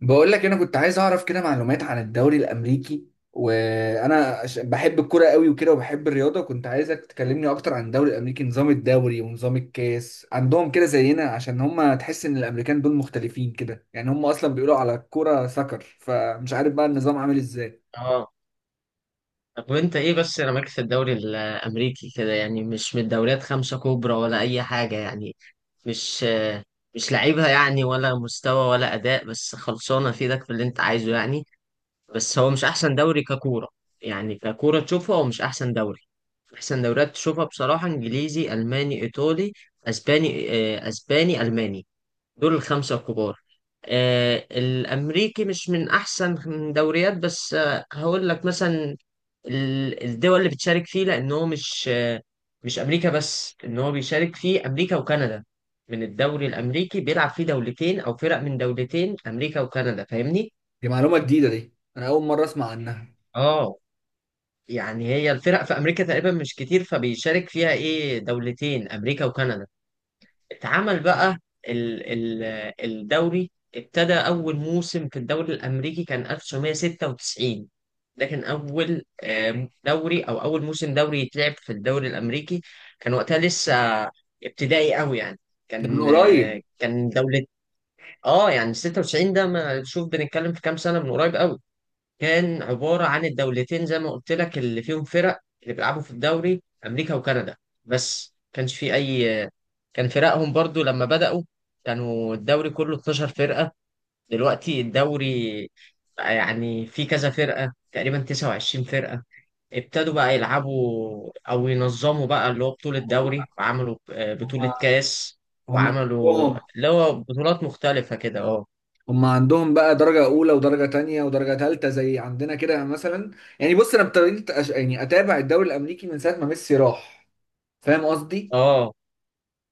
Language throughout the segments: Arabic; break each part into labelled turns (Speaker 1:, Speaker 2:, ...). Speaker 1: بقول لك انا كنت عايز اعرف كده معلومات عن الدوري الامريكي، وانا بحب الكوره قوي وكده، وبحب الرياضه. كنت عايزك تكلمني اكتر عن الدوري الامريكي، نظام الدوري ونظام الكاس عندهم كده زينا، عشان هم تحس ان الامريكان دول مختلفين كده. يعني هم اصلا بيقولوا على الكوره سكر، فمش عارف بقى النظام عامل ازاي.
Speaker 2: اه. طب وانت ايه بس انا مالك في الدوري الامريكي كده، يعني مش من الدوريات خمسة كبرى ولا اي حاجة يعني. مش مش لعيبها يعني، ولا مستوى ولا اداء، بس خلصانة في ايدك في اللي انت عايزه يعني. بس هو مش احسن دوري ككورة. يعني ككورة تشوفها هو مش احسن دوري. احسن دوريات تشوفها بصراحة انجليزي، الماني، ايطالي، اسباني. اسباني، الماني، دول الخمسة الكبار. الأمريكي مش من أحسن دوريات، بس هقول لك مثلا الدول اللي بتشارك فيه، لأن هو مش مش أمريكا بس، إن هو بيشارك فيه أمريكا وكندا. من الدوري الأمريكي بيلعب فيه دولتين أو فرق من دولتين، أمريكا وكندا، فاهمني؟
Speaker 1: دي معلومه جديده دي، انا اول مره اسمع عنها.
Speaker 2: آه يعني هي الفرق في أمريكا تقريبا مش كتير، فبيشارك فيها إيه، دولتين، أمريكا وكندا. اتعمل بقى ال ال الدوري. ابتدى أول موسم في الدوري الأمريكي كان 1996. ده كان أول دوري، أو أول موسم دوري يتلعب في الدوري الأمريكي. كان وقتها لسه ابتدائي قوي يعني.
Speaker 1: ده من
Speaker 2: كان
Speaker 1: قريب.
Speaker 2: آه، كان دولة. اه، يعني 96 ده، ما شوف بنتكلم في كام سنة، من قريب قوي. كان عبارة عن الدولتين زي ما قلت لك، اللي فيهم فرق اللي بيلعبوا في الدوري، أمريكا وكندا. بس كانش في أي، كان فرقهم برضو لما بدأوا كانوا الدوري كله 12 فرقة. دلوقتي الدوري بقى، يعني في كذا فرقة، تقريبا 29 فرقة. ابتدوا بقى يلعبوا أو ينظموا بقى اللي هو بطولة دوري، وعملوا بطولة
Speaker 1: هم.
Speaker 2: كاس،
Speaker 1: هم.
Speaker 2: وعملوا
Speaker 1: هم.
Speaker 2: اللي هو بطولات مختلفة كده. اه.
Speaker 1: هم. عندهم بقى درجة أولى ودرجة تانية ودرجة تالتة زي عندنا كده مثلا. يعني بص، أنا ابتديت يعني أتابع الدوري الأمريكي من ساعة ما ميسي راح. فاهم قصدي؟
Speaker 2: اه،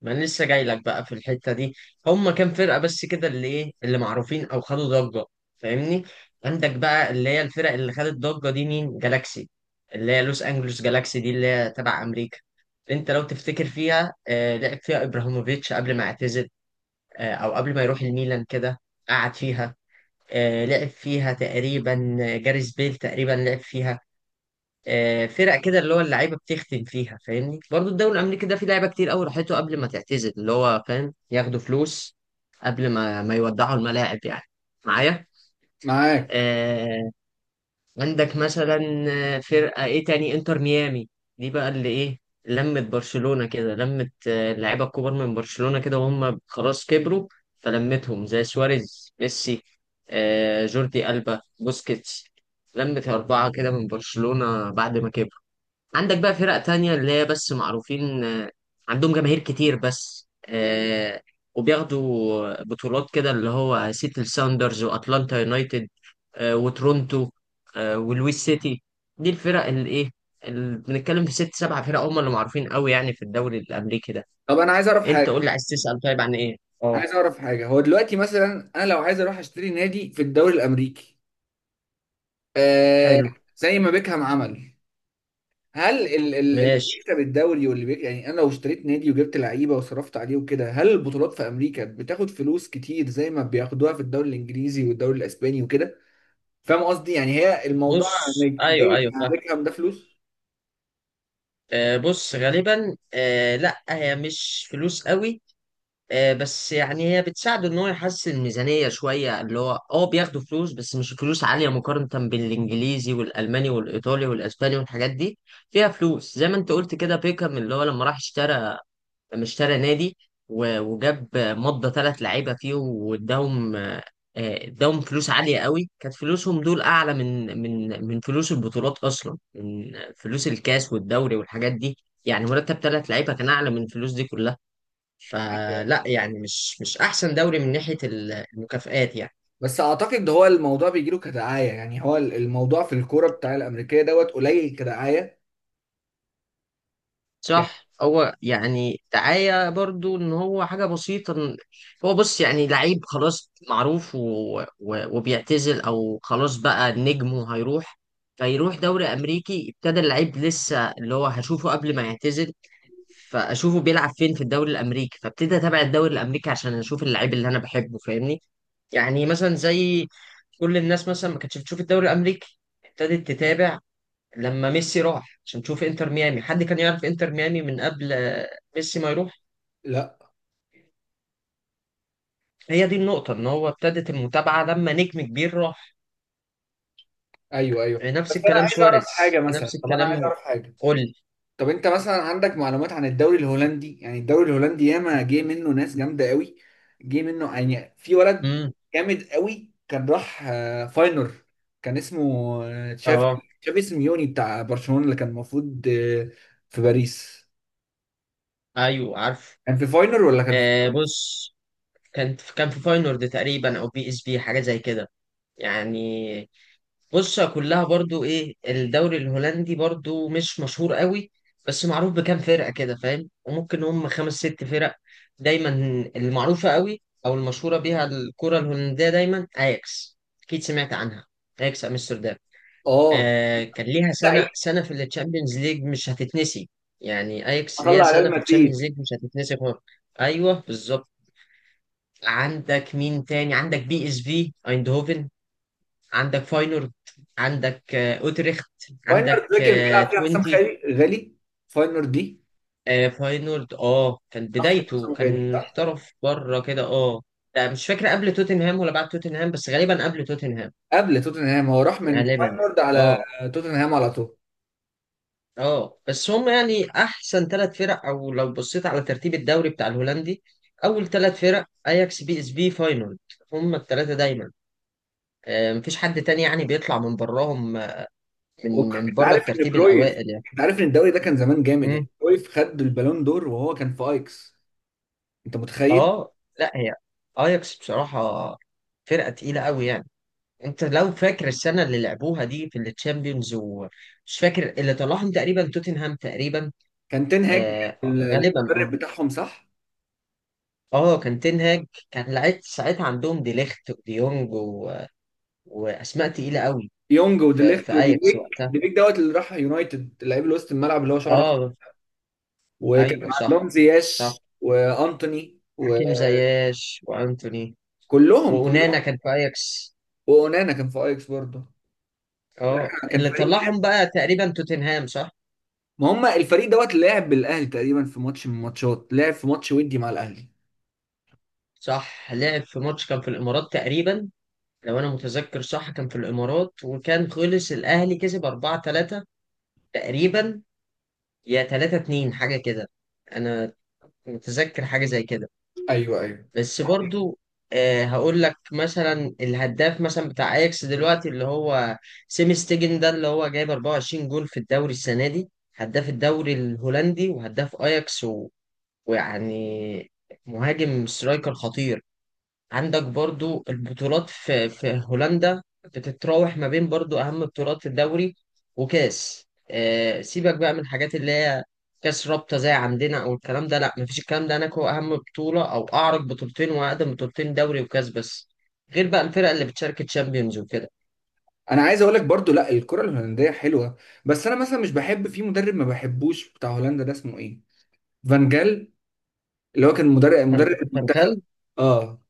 Speaker 2: ما انا لسه جاي لك بقى في الحته دي. هم كام فرقه بس كده اللي ايه، اللي معروفين او خدوا ضجه، فاهمني. عندك بقى اللي هي الفرق اللي خدت ضجه دي، مين؟ جالاكسي، اللي هي لوس انجلوس جالاكسي، دي اللي هي تبع امريكا. انت لو تفتكر فيها لعب فيها ابراهيموفيتش قبل ما اعتزل، او قبل ما يروح الميلان كده، قعد فيها. لعب فيها تقريبا جاريث بيل، تقريبا لعب فيها. فرق كده اللي هو اللعيبه بتختم فيها، فاهمني؟ برضو الدوري الامريكي ده فيه لعيبه كتير قوي راحته قبل ما تعتزل، اللي هو فاهم ياخدوا فلوس قبل ما يودعوا الملاعب يعني. معايا؟
Speaker 1: معاك.
Speaker 2: آه. عندك مثلا فرقه ايه تاني، انتر ميامي. دي بقى اللي ايه، لمت برشلونه كده، لمت اللعيبه الكبار من برشلونه كده وهم خلاص كبروا، فلمتهم زي سواريز، ميسي، جوردي ألبا، بوسكيتس. لمت أربعة كده من برشلونة بعد ما كبروا. عندك بقى فرق تانية اللي هي بس معروفين، عندهم جماهير كتير، بس وبياخدوا بطولات كده، اللي هو سيتل ساوندرز، واتلانتا يونايتد، وتورونتو، ولويس سيتي. دي الفرق اللي ايه، اللي بنتكلم في ست سبع فرق هم اللي معروفين قوي يعني في الدوري الامريكي ده.
Speaker 1: طب أنا عايز أعرف
Speaker 2: انت قول
Speaker 1: حاجة
Speaker 2: لي، عايز تسأل طيب عن ايه؟ اه.
Speaker 1: عايز أعرف حاجة هو دلوقتي مثلا أنا لو عايز أروح أشتري نادي في الدوري الأمريكي، آه،
Speaker 2: حلو.
Speaker 1: زي ما بيكهام عمل. هل اللي
Speaker 2: ماشي.
Speaker 1: بيكسب الدوري يعني أنا لو اشتريت نادي وجبت لعيبة وصرفت عليه وكده، هل البطولات في أمريكا بتاخد فلوس كتير زي ما بياخدوها في الدوري الإنجليزي والدوري الإسباني وكده؟ فاهم قصدي؟ يعني هي الموضوع،
Speaker 2: بص،
Speaker 1: يعني
Speaker 2: ايوه
Speaker 1: جاي
Speaker 2: ايوه
Speaker 1: على
Speaker 2: فاهم.
Speaker 1: بيكهام ده، فلوس.
Speaker 2: بص غالبا، لا، هي مش فلوس قوي. بس يعني هي بتساعده ان هو يحسن الميزانيه شويه، اللي هو بياخدوا فلوس، بس مش فلوس عاليه مقارنه بالانجليزي والالماني والايطالي والاسباني والحاجات دي. فيها فلوس زي ما انت قلت كده، بيكهام اللي هو لما راح اشترى، لما اشترى نادي، و- وجاب مضى ثلاث لعيبه فيهم واداهم، اداهم فلوس عاليه قوي. كانت فلوسهم دول اعلى من من فلوس البطولات اصلا، من فلوس الكاس والدوري والحاجات دي. يعني مرتب ثلاث لعيبه كان اعلى من الفلوس دي كلها.
Speaker 1: أيوة.
Speaker 2: فلا يعني، مش احسن دوري من ناحية المكافآت يعني.
Speaker 1: بس اعتقد ده هو الموضوع بيجي له كدعايه، يعني هو الموضوع في الكوره بتاع الامريكيه دوت قليل كدعايه. يعني.
Speaker 2: صح، هو يعني دعاية برضو، ان هو حاجة بسيطة إن هو، بص يعني لعيب خلاص معروف و... و... وبيعتزل او خلاص بقى نجمه هيروح، فيروح دوري امريكي. ابتدى اللعيب لسه اللي هو هشوفه قبل ما يعتزل، فاشوفه بيلعب فين؟ في الدوري الامريكي، فابتدي اتابع الدوري الامريكي عشان اشوف اللعيب اللي انا بحبه، فاهمني؟ يعني مثلا زي كل الناس مثلا ما كانتش بتشوف الدوري الامريكي، ابتدت تتابع لما ميسي راح عشان تشوف انتر ميامي. حد كان يعرف انتر ميامي من قبل ميسي ما يروح؟
Speaker 1: لا،
Speaker 2: هي دي النقطة، ان هو ابتدت المتابعة لما نجم كبير راح.
Speaker 1: ايوه، ايوه. بس
Speaker 2: نفس
Speaker 1: انا
Speaker 2: الكلام
Speaker 1: عايز اعرف حاجه
Speaker 2: سواريز، نفس
Speaker 1: مثلا. طب انا عايز
Speaker 2: الكلام.
Speaker 1: اعرف حاجه.
Speaker 2: قول.
Speaker 1: طب انت مثلا عندك معلومات عن الدوري الهولندي؟ يعني الدوري الهولندي ياما جه منه ناس جامده قوي. جه منه يعني في ولد
Speaker 2: امم.
Speaker 1: جامد قوي، كان راح فاينر. كان اسمه آه، تشافي
Speaker 2: اه،
Speaker 1: تشافي سيميوني بتاع برشلونه، اللي كان المفروض في باريس.
Speaker 2: ايوه عارف.
Speaker 1: كان في فاينر ولا كان في باريس؟
Speaker 2: بص، كان في فاينورد تقريبا، او بي اس بي، حاجة زي كده يعني. بص، كلها برضو ايه، الدوري الهولندي برضو مش مشهور قوي، بس معروف بكام فرقة كده، فاهم؟ وممكن هم خمس ست فرق دايما المعروفة قوي، او المشهورة بيها الكرة الهولندية. دايما اياكس، اكيد سمعت عنها، اياكس امستردام.
Speaker 1: اه.
Speaker 2: كان ليها
Speaker 1: لعيب.
Speaker 2: سنة في التشامبيونز ليج مش هتتنسي. يعني اياكس ليها
Speaker 1: طلع ريال
Speaker 2: سنة في
Speaker 1: مدريد.
Speaker 2: التشامبيونز ليج مش هتتنسي خالص. ايوه بالظبط. عندك مين تاني؟ عندك بي اس في ايندهوفن، عندك فاينورد، عندك اوتريخت،
Speaker 1: فاينر
Speaker 2: عندك
Speaker 1: ده كان بيلعب فيها حسام
Speaker 2: توينتي.
Speaker 1: غالي. فاينر دي.
Speaker 2: فاينورد اه كان
Speaker 1: راح فين
Speaker 2: بدايته،
Speaker 1: حسام غالي،
Speaker 2: كان
Speaker 1: صح؟
Speaker 2: احترف بره كده. اه لا مش فاكر قبل توتنهام ولا بعد توتنهام، بس غالبا قبل توتنهام.
Speaker 1: قبل توتنهام، هو راح من
Speaker 2: غالبا.
Speaker 1: فاينر على
Speaker 2: اه.
Speaker 1: توتنهام على طول.
Speaker 2: اه بس هم يعني احسن ثلاث فرق، او لو بصيت على ترتيب الدوري بتاع الهولندي، اول ثلاث فرق اياكس، بي اس بي، فاينورد. هم الثلاثه دايما، مفيش حد تاني يعني بيطلع من براهم، من من
Speaker 1: انت
Speaker 2: بره
Speaker 1: عارف ان
Speaker 2: الترتيب
Speaker 1: كرويف،
Speaker 2: الاوائل
Speaker 1: انت عارف ان الدوري ده كان زمان جامد؟
Speaker 2: يعني.
Speaker 1: يعني كرويف خد البالون دور وهو كان في ايكس. انت متخيل؟
Speaker 2: اه. لا هي اياكس بصراحة فرقة تقيلة قوي يعني. انت لو فاكر السنة اللي لعبوها دي في التشامبيونز، ومش فاكر اللي طلعهم، تقريبا توتنهام تقريبا.
Speaker 1: كان تنهاج.
Speaker 2: غالبا.
Speaker 1: المدرب
Speaker 2: اه
Speaker 1: بتاعهم، صح؟
Speaker 2: اه، كان تنهاج. كان لعيب ساعتها عندهم ديليخت وديونج و... واسماء تقيلة قوي
Speaker 1: يونج
Speaker 2: في,
Speaker 1: وديليخت
Speaker 2: في اياكس
Speaker 1: وديبيك.
Speaker 2: وقتها.
Speaker 1: ديبيك دوت، اللي راح يونايتد، لعيب اللي وسط الملعب اللي هو شعره أخضر.
Speaker 2: اه
Speaker 1: وكان
Speaker 2: ايوه صح.
Speaker 1: عندهم
Speaker 2: صح،
Speaker 1: زياش وانتوني.
Speaker 2: حكيم زياش وانتوني،
Speaker 1: وكلهم.
Speaker 2: وأونانا كان في اياكس.
Speaker 1: واونانا كان في ايكس برضه. لا.
Speaker 2: اه،
Speaker 1: كان
Speaker 2: اللي
Speaker 1: فريق
Speaker 2: طلعهم
Speaker 1: جامد.
Speaker 2: بقى تقريبا توتنهام، صح؟
Speaker 1: ما هم الفريق دوت لعب بالاهلي تقريبا في ماتش من الماتشات، لعب في ماتش ودي مع الاهلي.
Speaker 2: صح، لعب في ماتش، كان في الامارات تقريبا، لو انا متذكر صح، كان في الامارات، وكان خلص الاهلي كسب 4-3 تقريبا، يا 3-2 حاجه كده. انا متذكر حاجه زي كده.
Speaker 1: ايوه، ايوه.
Speaker 2: بس برضو، هقول لك مثلا، الهداف مثلا بتاع اياكس دلوقتي اللي هو سيمي ستيجن، ده اللي هو جايب 24 جول في الدوري السنه دي، هداف الدوري الهولندي وهداف اياكس و... ويعني مهاجم، سترايكر خطير. عندك برضو البطولات في هولندا بتتراوح ما بين، برضو أهم بطولات في الدوري وكاس، سيبك بقى من الحاجات اللي هي كاس رابطة زي عندنا أو الكلام ده، لا، مفيش الكلام ده هناك. هو أهم بطولة، أو أعرق بطولتين وأقدم بطولتين، دوري وكاس بس، غير بقى الفرق اللي بتشارك تشامبيونز وكده.
Speaker 1: انا عايز اقول لك برضو، لا، الكره الهولنديه حلوه. بس انا مثلا مش بحب في مدرب، ما بحبوش، بتاع هولندا ده اسمه ايه؟ فان جال. اللي هو كان مدرب المنتخب.
Speaker 2: فانخال.
Speaker 1: اه.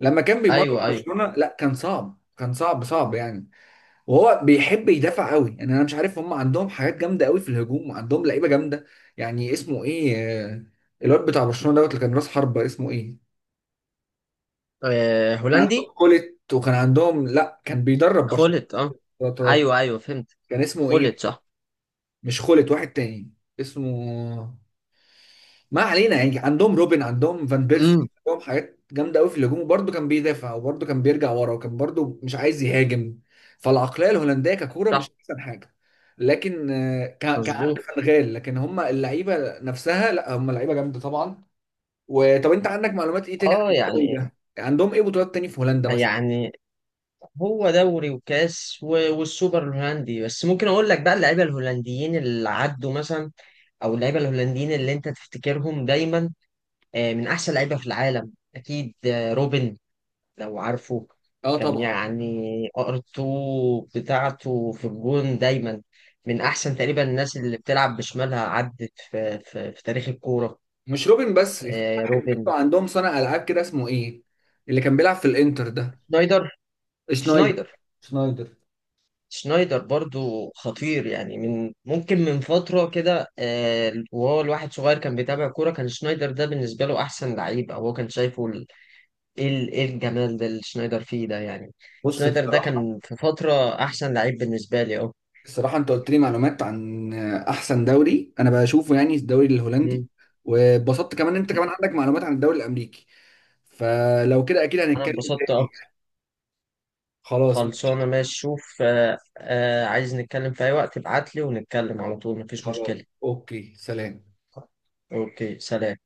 Speaker 1: لما كان بيمرن
Speaker 2: أيوه أيوه.
Speaker 1: برشلونه، لا، كان صعب صعب يعني. وهو بيحب يدافع قوي. يعني انا مش عارف، هم عندهم حاجات جامده قوي في الهجوم، وعندهم لعيبه جامده. يعني اسمه ايه؟ آه، الواد بتاع برشلونه دوت، اللي كان راس حربه، اسمه ايه؟ كان
Speaker 2: هولندي.
Speaker 1: عندهم كولت، وكان عندهم، لا، كان بيدرب
Speaker 2: خلت.
Speaker 1: برشلونه.
Speaker 2: أيوه أيوه فهمت.
Speaker 1: كان اسمه
Speaker 2: خلت،
Speaker 1: ايه؟
Speaker 2: صح.
Speaker 1: مش خولت، واحد تاني اسمه. ما علينا. يعني عندهم روبن، عندهم فان بيرسي،
Speaker 2: امم.
Speaker 1: عندهم حاجات جامده قوي في الهجوم، وبرده كان بيدافع، وبرده كان بيرجع ورا، وكان برده مش عايز يهاجم. فالعقليه الهولنديه ككوره
Speaker 2: صح.
Speaker 1: مش احسن حاجه. لكن كان عندي
Speaker 2: مظبوط.
Speaker 1: فنغال، لكن هم اللعيبه نفسها لا، هم لعيبه جامده طبعا. وطب انت عندك معلومات ايه تاني عن الدوري
Speaker 2: يعني،
Speaker 1: ده؟ عندهم ايه بطولات تاني في هولندا مثلا؟
Speaker 2: يعني هو دوري وكاس و- والسوبر الهولندي بس. ممكن اقول لك بقى اللعيبه الهولنديين اللي عدوا مثلا، او اللعيبه الهولنديين اللي انت تفتكرهم دايما، من احسن لعيبه في العالم اكيد، روبن، لو عارفه.
Speaker 1: اه
Speaker 2: كان
Speaker 1: طبعا.
Speaker 2: يعني ارتو بتاعته في الجون دايما، من احسن تقريبا الناس اللي بتلعب بشمالها عدت في تاريخ الكوره.
Speaker 1: مش روبن بس، في واحد
Speaker 2: روبن،
Speaker 1: برضه عندهم صانع العاب كده اسمه ايه، اللي كان بيلعب في الانتر ده.
Speaker 2: شنايدر.
Speaker 1: شنايدر.
Speaker 2: شنايدر.
Speaker 1: شنايدر.
Speaker 2: شنايدر برضو خطير يعني، من ممكن من فترة كده، وهو الواحد صغير كان بيتابع كورة، كان شنايدر ده بالنسبة له أحسن لعيب، أو هو كان شايفه إيه الجمال ده اللي شنايدر فيه ده يعني.
Speaker 1: بص
Speaker 2: شنايدر ده
Speaker 1: الصراحه
Speaker 2: كان في فترة أحسن لعيب بالنسبة لي.
Speaker 1: الصراحه انت قلت لي معلومات عن احسن دوري انا بشوفه، يعني الدوري الهولندي،
Speaker 2: مم.
Speaker 1: واتبسطت كمان إن انت كمان عندك معلومات عن الدوري الامريكي. فلو كده اكيد
Speaker 2: أنا
Speaker 1: هنتكلم
Speaker 2: اتبسطت
Speaker 1: تاني.
Speaker 2: أكتر.
Speaker 1: خلاص.
Speaker 2: خلصانة، ماشي. شوف، عايز نتكلم في أي وقت ابعتلي ونتكلم على طول، مفيش
Speaker 1: خلاص.
Speaker 2: مشكلة.
Speaker 1: اوكي، سلام.
Speaker 2: أوكي، سلام.